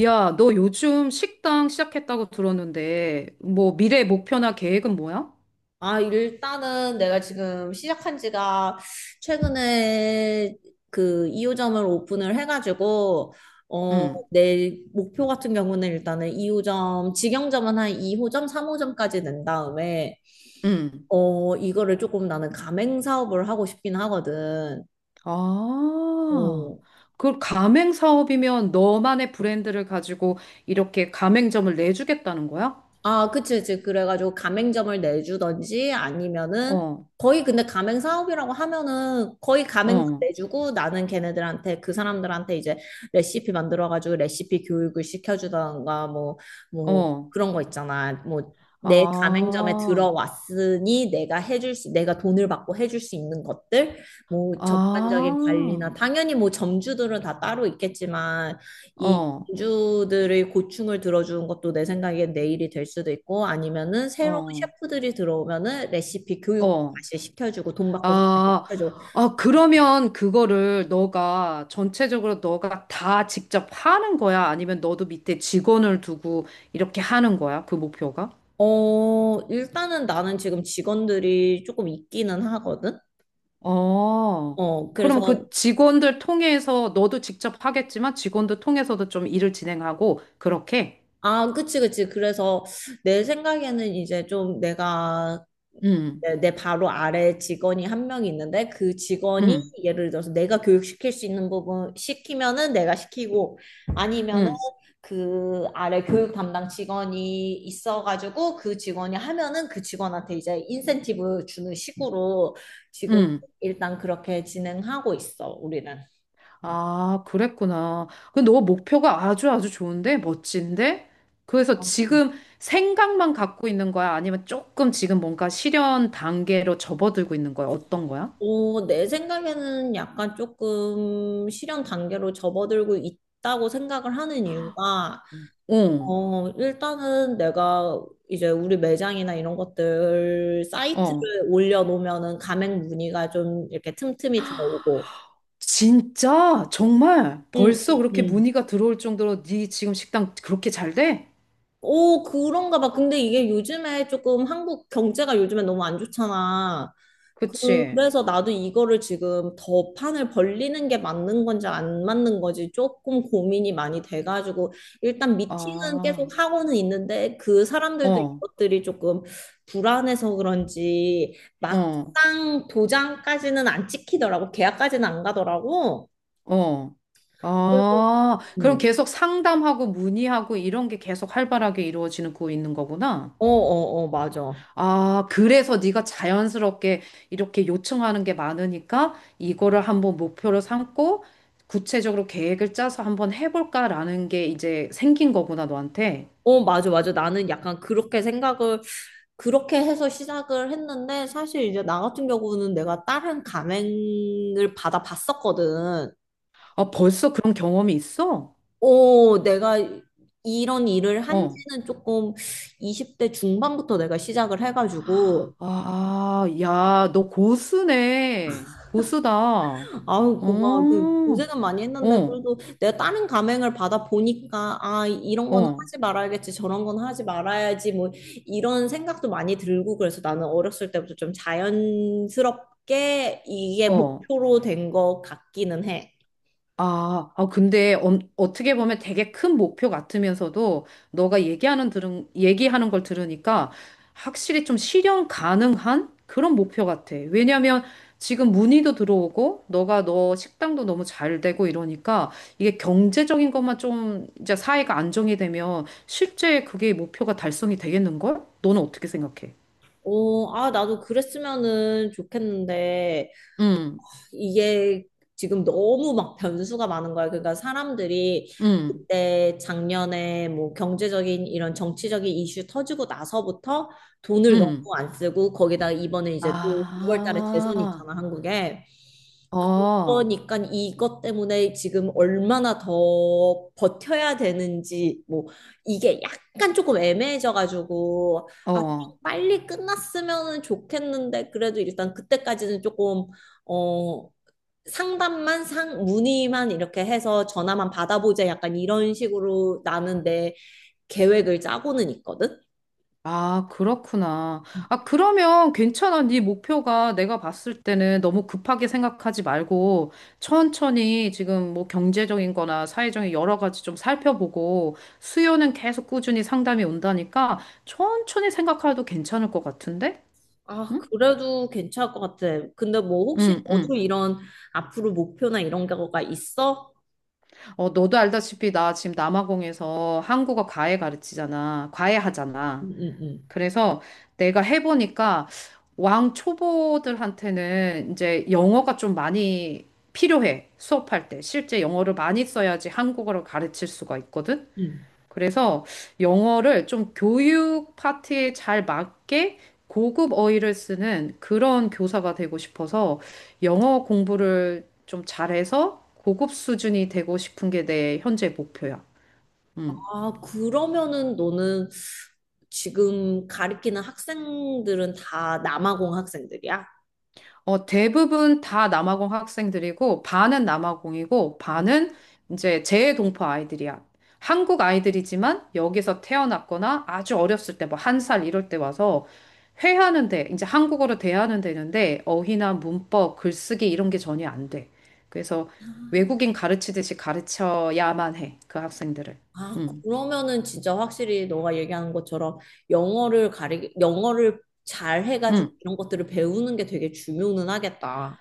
야, 너 요즘 식당 시작했다고 들었는데, 뭐 미래 목표나 계획은 뭐야? 아, 일단은 내가 지금 시작한 지가 최근에 그 2호점을 오픈을 해가지고, 어, 응, 내 목표 같은 경우는 일단은 2호점, 직영점은 한 2호점, 3호점까지 낸 다음에, 응. 어, 이거를 조금 나는 가맹 사업을 하고 싶긴 하거든. 아, 어, 그 가맹 사업이면 너만의 브랜드를 가지고 이렇게 가맹점을 내주겠다는 거야? 아, 그치, 그치. 그래가지고 가맹점을 내주던지 아니면은 어, 거의 근데 가맹 사업이라고 하면은 거의 가맹점 어, 내주고 나는 걔네들한테 그 사람들한테 이제 레시피 만들어가지고 레시피 교육을 시켜주던가 뭐, 뭐 어. 그런 거 있잖아. 뭐 내 가맹점에 아, 들어왔으니 내가 해줄 수, 내가 돈을 받고 해줄 수 있는 것들, 뭐 아, 전반적인 관리나 당연히 뭐 점주들은 다 따로 있겠지만 이 어, 주들의 고충을 들어주는 것도 내 생각엔 내일이 될 수도 있고 아니면은 새로운 어, 셰프들이 들어오면은 레시피 교육 어. 다시 시켜주고 돈 받고서 다시 아, 시켜주고. 아, 그러면 그거를 너가 전체적으로 너가 다 직접 하는 거야? 아니면 너도 밑에 직원을 두고 이렇게 하는 거야? 그 목표가? 어, 일단은 나는 지금 직원들이 조금 있기는 하거든. 어, 어, 그럼 그래서 그 직원들 통해서 너도 직접 하겠지만 직원들 통해서도 좀 일을 진행하고 그렇게? 아, 그치, 그치. 그래서 내 생각에는 이제 좀 내가 응, 내 바로 아래 직원이 한 명이 있는데 그 직원이 응, 예를 들어서 내가 교육시킬 수 있는 부분 시키면은 내가 시키고 아니면은 응, 그 아래 교육 담당 직원이 있어가지고 그 직원이 하면은 그 직원한테 이제 인센티브 주는 식으로 지금 응. 일단 그렇게 진행하고 있어, 우리는. 아, 그랬구나. 근데 너 목표가 아주 아주 좋은데? 멋진데? 그래서 어, 지금 생각만 갖고 있는 거야? 아니면 조금 지금 뭔가 실현 단계로 접어들고 있는 거야? 어떤 거야? 어, 내 생각에는 약간 조금 실현 단계로 접어들고 있다고 생각을 하는 이유가 응, 어, 일단은 내가 이제 우리 매장이나 이런 것들 어. 사이트를 올려놓으면은 가맹 문의가 좀 이렇게 틈틈이 들어오고. 진짜? 정말? 응, 벌써 응, 그렇게 응. 문의가 들어올 정도로 네 지금 식당 그렇게 잘 돼? 오, 그런가 봐. 근데 이게 요즘에 조금 한국 경제가 요즘에 너무 안 좋잖아. 그치? 그래서 나도 이거를 지금 더 판을 벌리는 게 맞는 건지 안 맞는 건지 조금 고민이 많이 돼가지고 일단 미팅은 계속 아, 하고는 있는데 그 사람들도 어, 이것들이 조금 불안해서 그런지 어, 막상 도장까지는 안 찍히더라고. 계약까지는 안 가더라고. 어. 그래서 아, 그럼 음, 계속 상담하고 문의하고 이런 게 계속 활발하게 이루어지는 거 있는 거구나? 어, 어, 어, 맞아. 아, 그래서 네가 자연스럽게 이렇게 요청하는 게 많으니까 이거를 한번 목표로 삼고 구체적으로 계획을 짜서 한번 해볼까라는 게 이제 생긴 거구나, 너한테. 어, 맞아, 맞아. 나는 약간 그렇게 생각을, 그렇게 해서 시작을 했는데, 사실 이제 나 같은 경우는 내가 다른 감행을 받아 봤었거든. 아, 벌써 그런 경험이 있어? 어, 내가 이런 일을 한 어. 지는 조금 20대 중반부터 내가 시작을 해가지고, 아, 야, 너 고수네. 고수다. 어, 아유, 고마워. 그 고생은 많이 했는데 어, 그래도 내가 다른 감행을 받아 보니까 아, 이런 거는 어, 하지 말아야겠지, 저런 건 하지 말아야지 뭐 이런 생각도 많이 들고 그래서 나는 어렸을 때부터 좀 자연스럽게 이게 어. 목표로 된 것 같기는 해. 아, 아, 근데 어떻게 보면 되게 큰 목표 같으면서도 너가 얘기하는 들은 얘기하는 걸 들으니까 확실히 좀 실현 가능한 그런 목표 같아. 왜냐면 지금 문의도 들어오고 너가 너 식당도 너무 잘 되고 이러니까 이게 경제적인 것만 좀 이제 사회가 안정이 되면 실제 그게 목표가 달성이 되겠는걸? 너는 어떻게 생각해? 어, 아, 나도 그랬으면은 좋겠는데 음, 이게 지금 너무 막 변수가 많은 거야. 그러니까 사람들이 음, 그때 작년에 뭐 경제적인 이런 정치적인 이슈 터지고 나서부터 돈을 너무 음. 안 쓰고 거기다 이번에 이제 또 6월 달에 대선이 아, 있잖아, 한국에. 어, 그러니까 이것 때문에 지금 얼마나 더 버텨야 되는지 뭐 이게 약간 조금 애매해져 가지고 아, 좀 어. 빨리 끝났으면 좋겠는데 그래도 일단 그때까지는 조금 어, 상담만 상 문의만 이렇게 해서 전화만 받아보자 약간 이런 식으로 나는 내 계획을 짜고는 있거든. 아, 그렇구나. 아, 그러면 괜찮아. 네 목표가 내가 봤을 때는 너무 급하게 생각하지 말고 천천히 지금 뭐 경제적인 거나 사회적인 여러 가지 좀 살펴보고 수요는 계속 꾸준히 상담이 온다니까 천천히 생각해도 괜찮을 것 같은데? 아, 응? 그래도 괜찮을 것 같아. 근데 뭐 혹시 응, 너도 응. 이런 앞으로 목표나 이런 거가 있어? 어, 너도 알다시피 나 지금 남아공에서 한국어 과외 가르치잖아. 과외 하잖아. 응, 응, 응. 그래서 내가 해보니까 왕 초보들한테는 이제 영어가 좀 많이 필요해. 수업할 때. 실제 영어를 많이 써야지 한국어를 가르칠 수가 있거든. 응. 그래서 영어를 좀 교육 파트에 잘 맞게 고급 어휘를 쓰는 그런 교사가 되고 싶어서 영어 공부를 좀 잘해서 고급 수준이 되고 싶은 게 내 현재 목표야. 아, 그러면은 너는 지금 가리키는 학생들은 다 남아공 학생들이야? 어, 대부분 다 남아공 학생들이고, 반은 남아공이고, 반은 이제 재외동포 아이들이야. 한국 아이들이지만 여기서 태어났거나 아주 어렸을 때, 뭐 한 살 이럴 때 와서 회하는 데, 이제 한국어로 대하는 데는데, 어휘나 문법, 글쓰기 이런 게 전혀 안 돼. 그래서 외국인 가르치듯이 가르쳐야만 해, 그 학생들을. 아, 응, 그러면은 진짜 확실히 너가 얘기하는 것처럼 영어를 잘 해가지고 응. 이런 것들을 배우는 게 되게 중요는 하겠다.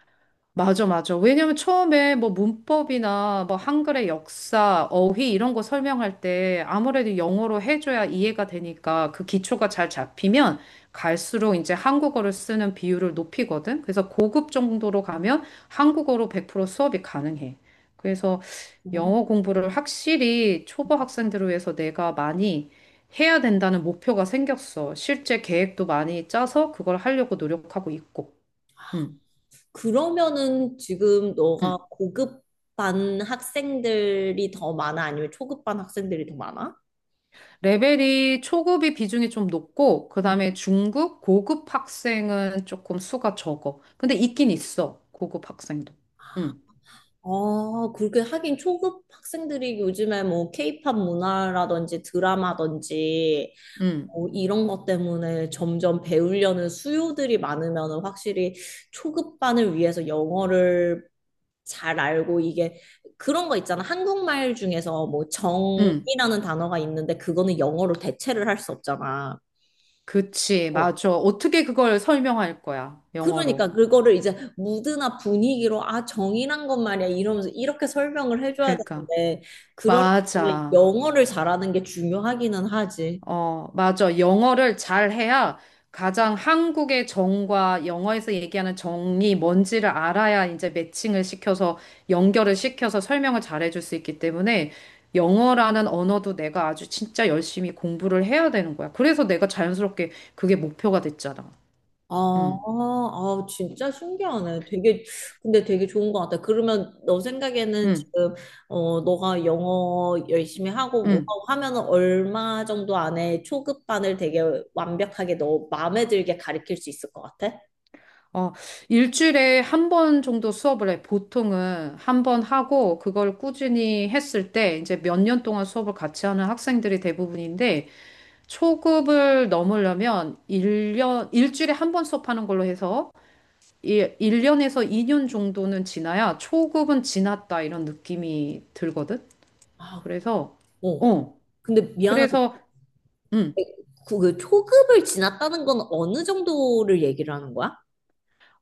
맞아, 맞아. 왜냐면 처음에 뭐 문법이나 뭐 한글의 역사, 어휘 이런 거 설명할 때 아무래도 영어로 해줘야 이해가 되니까 그 기초가 잘 잡히면 갈수록 이제 한국어를 쓰는 비율을 높이거든. 그래서 고급 정도로 가면 한국어로 100% 수업이 가능해. 그래서 어, 영어 공부를 확실히 초보 학생들을 위해서 내가 많이 해야 된다는 목표가 생겼어. 실제 계획도 많이 짜서 그걸 하려고 노력하고 있고. 응, 그러면은 지금 너가 응. 고급반 학생들이 더 많아? 아니면 초급반 학생들이 더 많아? 레벨이 초급이 비중이 좀 높고, 그 다음에 중급, 고급 학생은 조금 수가 적어. 근데 있긴 있어, 고급 학생도. 응, 아, 그렇게 하긴 초급 학생들이 요즘에 뭐 케이팝 문화라든지 드라마든지 응, 어, 이런 것 때문에 점점 배우려는 수요들이 많으면 확실히 초급반을 위해서 영어를 잘 알고 이게 그런 거 있잖아. 한국말 중에서 뭐 응. 정이라는 단어가 있는데 그거는 영어로 대체를 할 수 없잖아. 그치, 어. 맞아. 어떻게 그걸 설명할 거야, 그러니까 영어로. 그거를 이제 무드나 분위기로 아, 정이란 건 말이야 이러면서 이렇게 설명을 해줘야 그러니까. 되는데 그럴 때는 맞아. 영어를 잘하는 게 중요하기는 하지. 어, 맞아. 영어를 잘해야 가장 한국의 정과 영어에서 얘기하는 정이 뭔지를 알아야 이제 매칭을 시켜서 연결을 시켜서 설명을 잘해줄 수 있기 때문에 영어라는 언어도 내가 아주 진짜 열심히 공부를 해야 되는 거야. 그래서 내가 자연스럽게 그게 목표가 됐잖아. 아, 응, 아, 진짜 신기하네. 되게, 근데 되게 좋은 것 같아. 그러면 너 생각에는 응, 지금, 어, 너가 영어 열심히 하고 뭐 응. 하고 하면은 얼마 정도 안에 초급반을 되게 완벽하게 너 마음에 들게 가르칠 수 있을 것 같아? 어, 일주일에 한 번 정도 수업을 해. 보통은 한 번 하고 그걸 꾸준히 했을 때 이제 몇 년 동안 수업을 같이 하는 학생들이 대부분인데 초급을 넘으려면 일년 일주일에 한 번 수업하는 걸로 해서 이 1년에서 2년 정도는 지나야 초급은 지났다 이런 느낌이 들거든. 아, 그래서, 어. 어, 근데 미안한 그래서, 음, 그, 그 초급을 지났다는 건 어느 정도를 얘기를 하는 거야?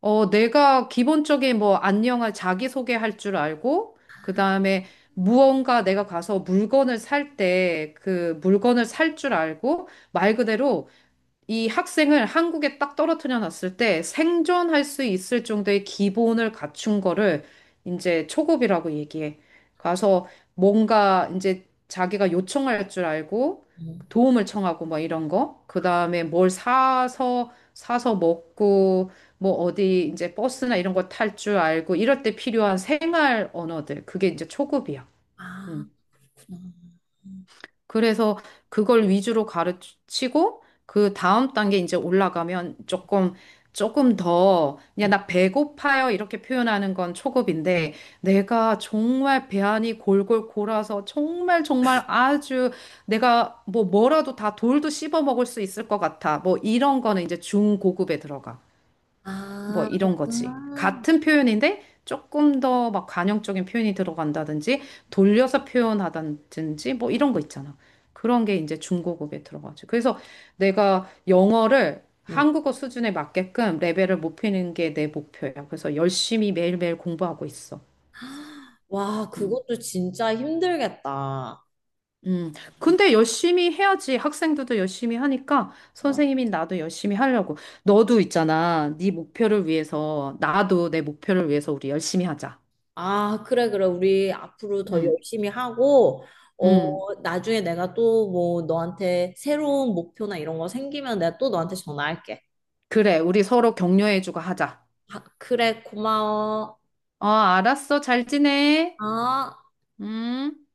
어, 내가 기본적인 뭐 안녕을 자기소개할 줄 알고, 그 다음에 무언가 내가 가서 물건을 살 때 그 물건을 살 줄 알고, 말 그대로 이 학생을 한국에 딱 떨어뜨려 놨을 때 생존할 수 있을 정도의 기본을 갖춘 거를 이제 초급이라고 얘기해. 가서 뭔가 이제 자기가 요청할 줄 알고 도움을 청하고 뭐 이런 거. 그다음에 뭘 사서 먹고 뭐 어디 이제 버스나 이런 거 탈 줄 알고 이럴 때 필요한 생활 언어들. 그게 이제 초급이야. 음. 그래서 그걸 위주로 가르치고 그 다음 단계 이제 올라가면 조금 더 그냥 음. 나 배고파요 이렇게 표현하는 건 초급인데 내가 정말 배 안이 골골 골아서 정말 정말 아주 내가 뭐 뭐라도 다 돌도 씹어 먹을 수 있을 것 같아. 뭐 이런 거는 이제 중고급에 들어가. 뭐 아, 이런 거지. 그렇구나. 응. 아, 같은 표현인데 조금 더 막 관용적인 표현이 들어간다든지 돌려서 표현하다든지 뭐 이런 거 있잖아. 그런 게 이제 중고급에 들어가지. 그래서 내가 영어를 응. 한국어 수준에 맞게끔 레벨을 높이는 게 내 목표야. 그래서 열심히 매일매일 공부하고 있어. 와, 음. 그것도 진짜 힘들겠다. 음. 근데 열심히 해야지. 학생들도 열심히 하니까 맞- 선생님인 나도 열심히 하려고. 너도 있잖아. 네 목표를 위해서 나도 내 목표를 위해서 우리 열심히 하자. 아, 그래, 그래. 우리 앞으로 더 음. 열심히 하고, 음, 어, 나중에 내가 또 뭐 너한테 새로운 목표나 이런 거 생기면 내가 또 너한테 전화할게. 그래. 우리 서로 격려해주고 하자. 아, 그래, 고마워. 어, 알았어. 잘 지내. 아. 음.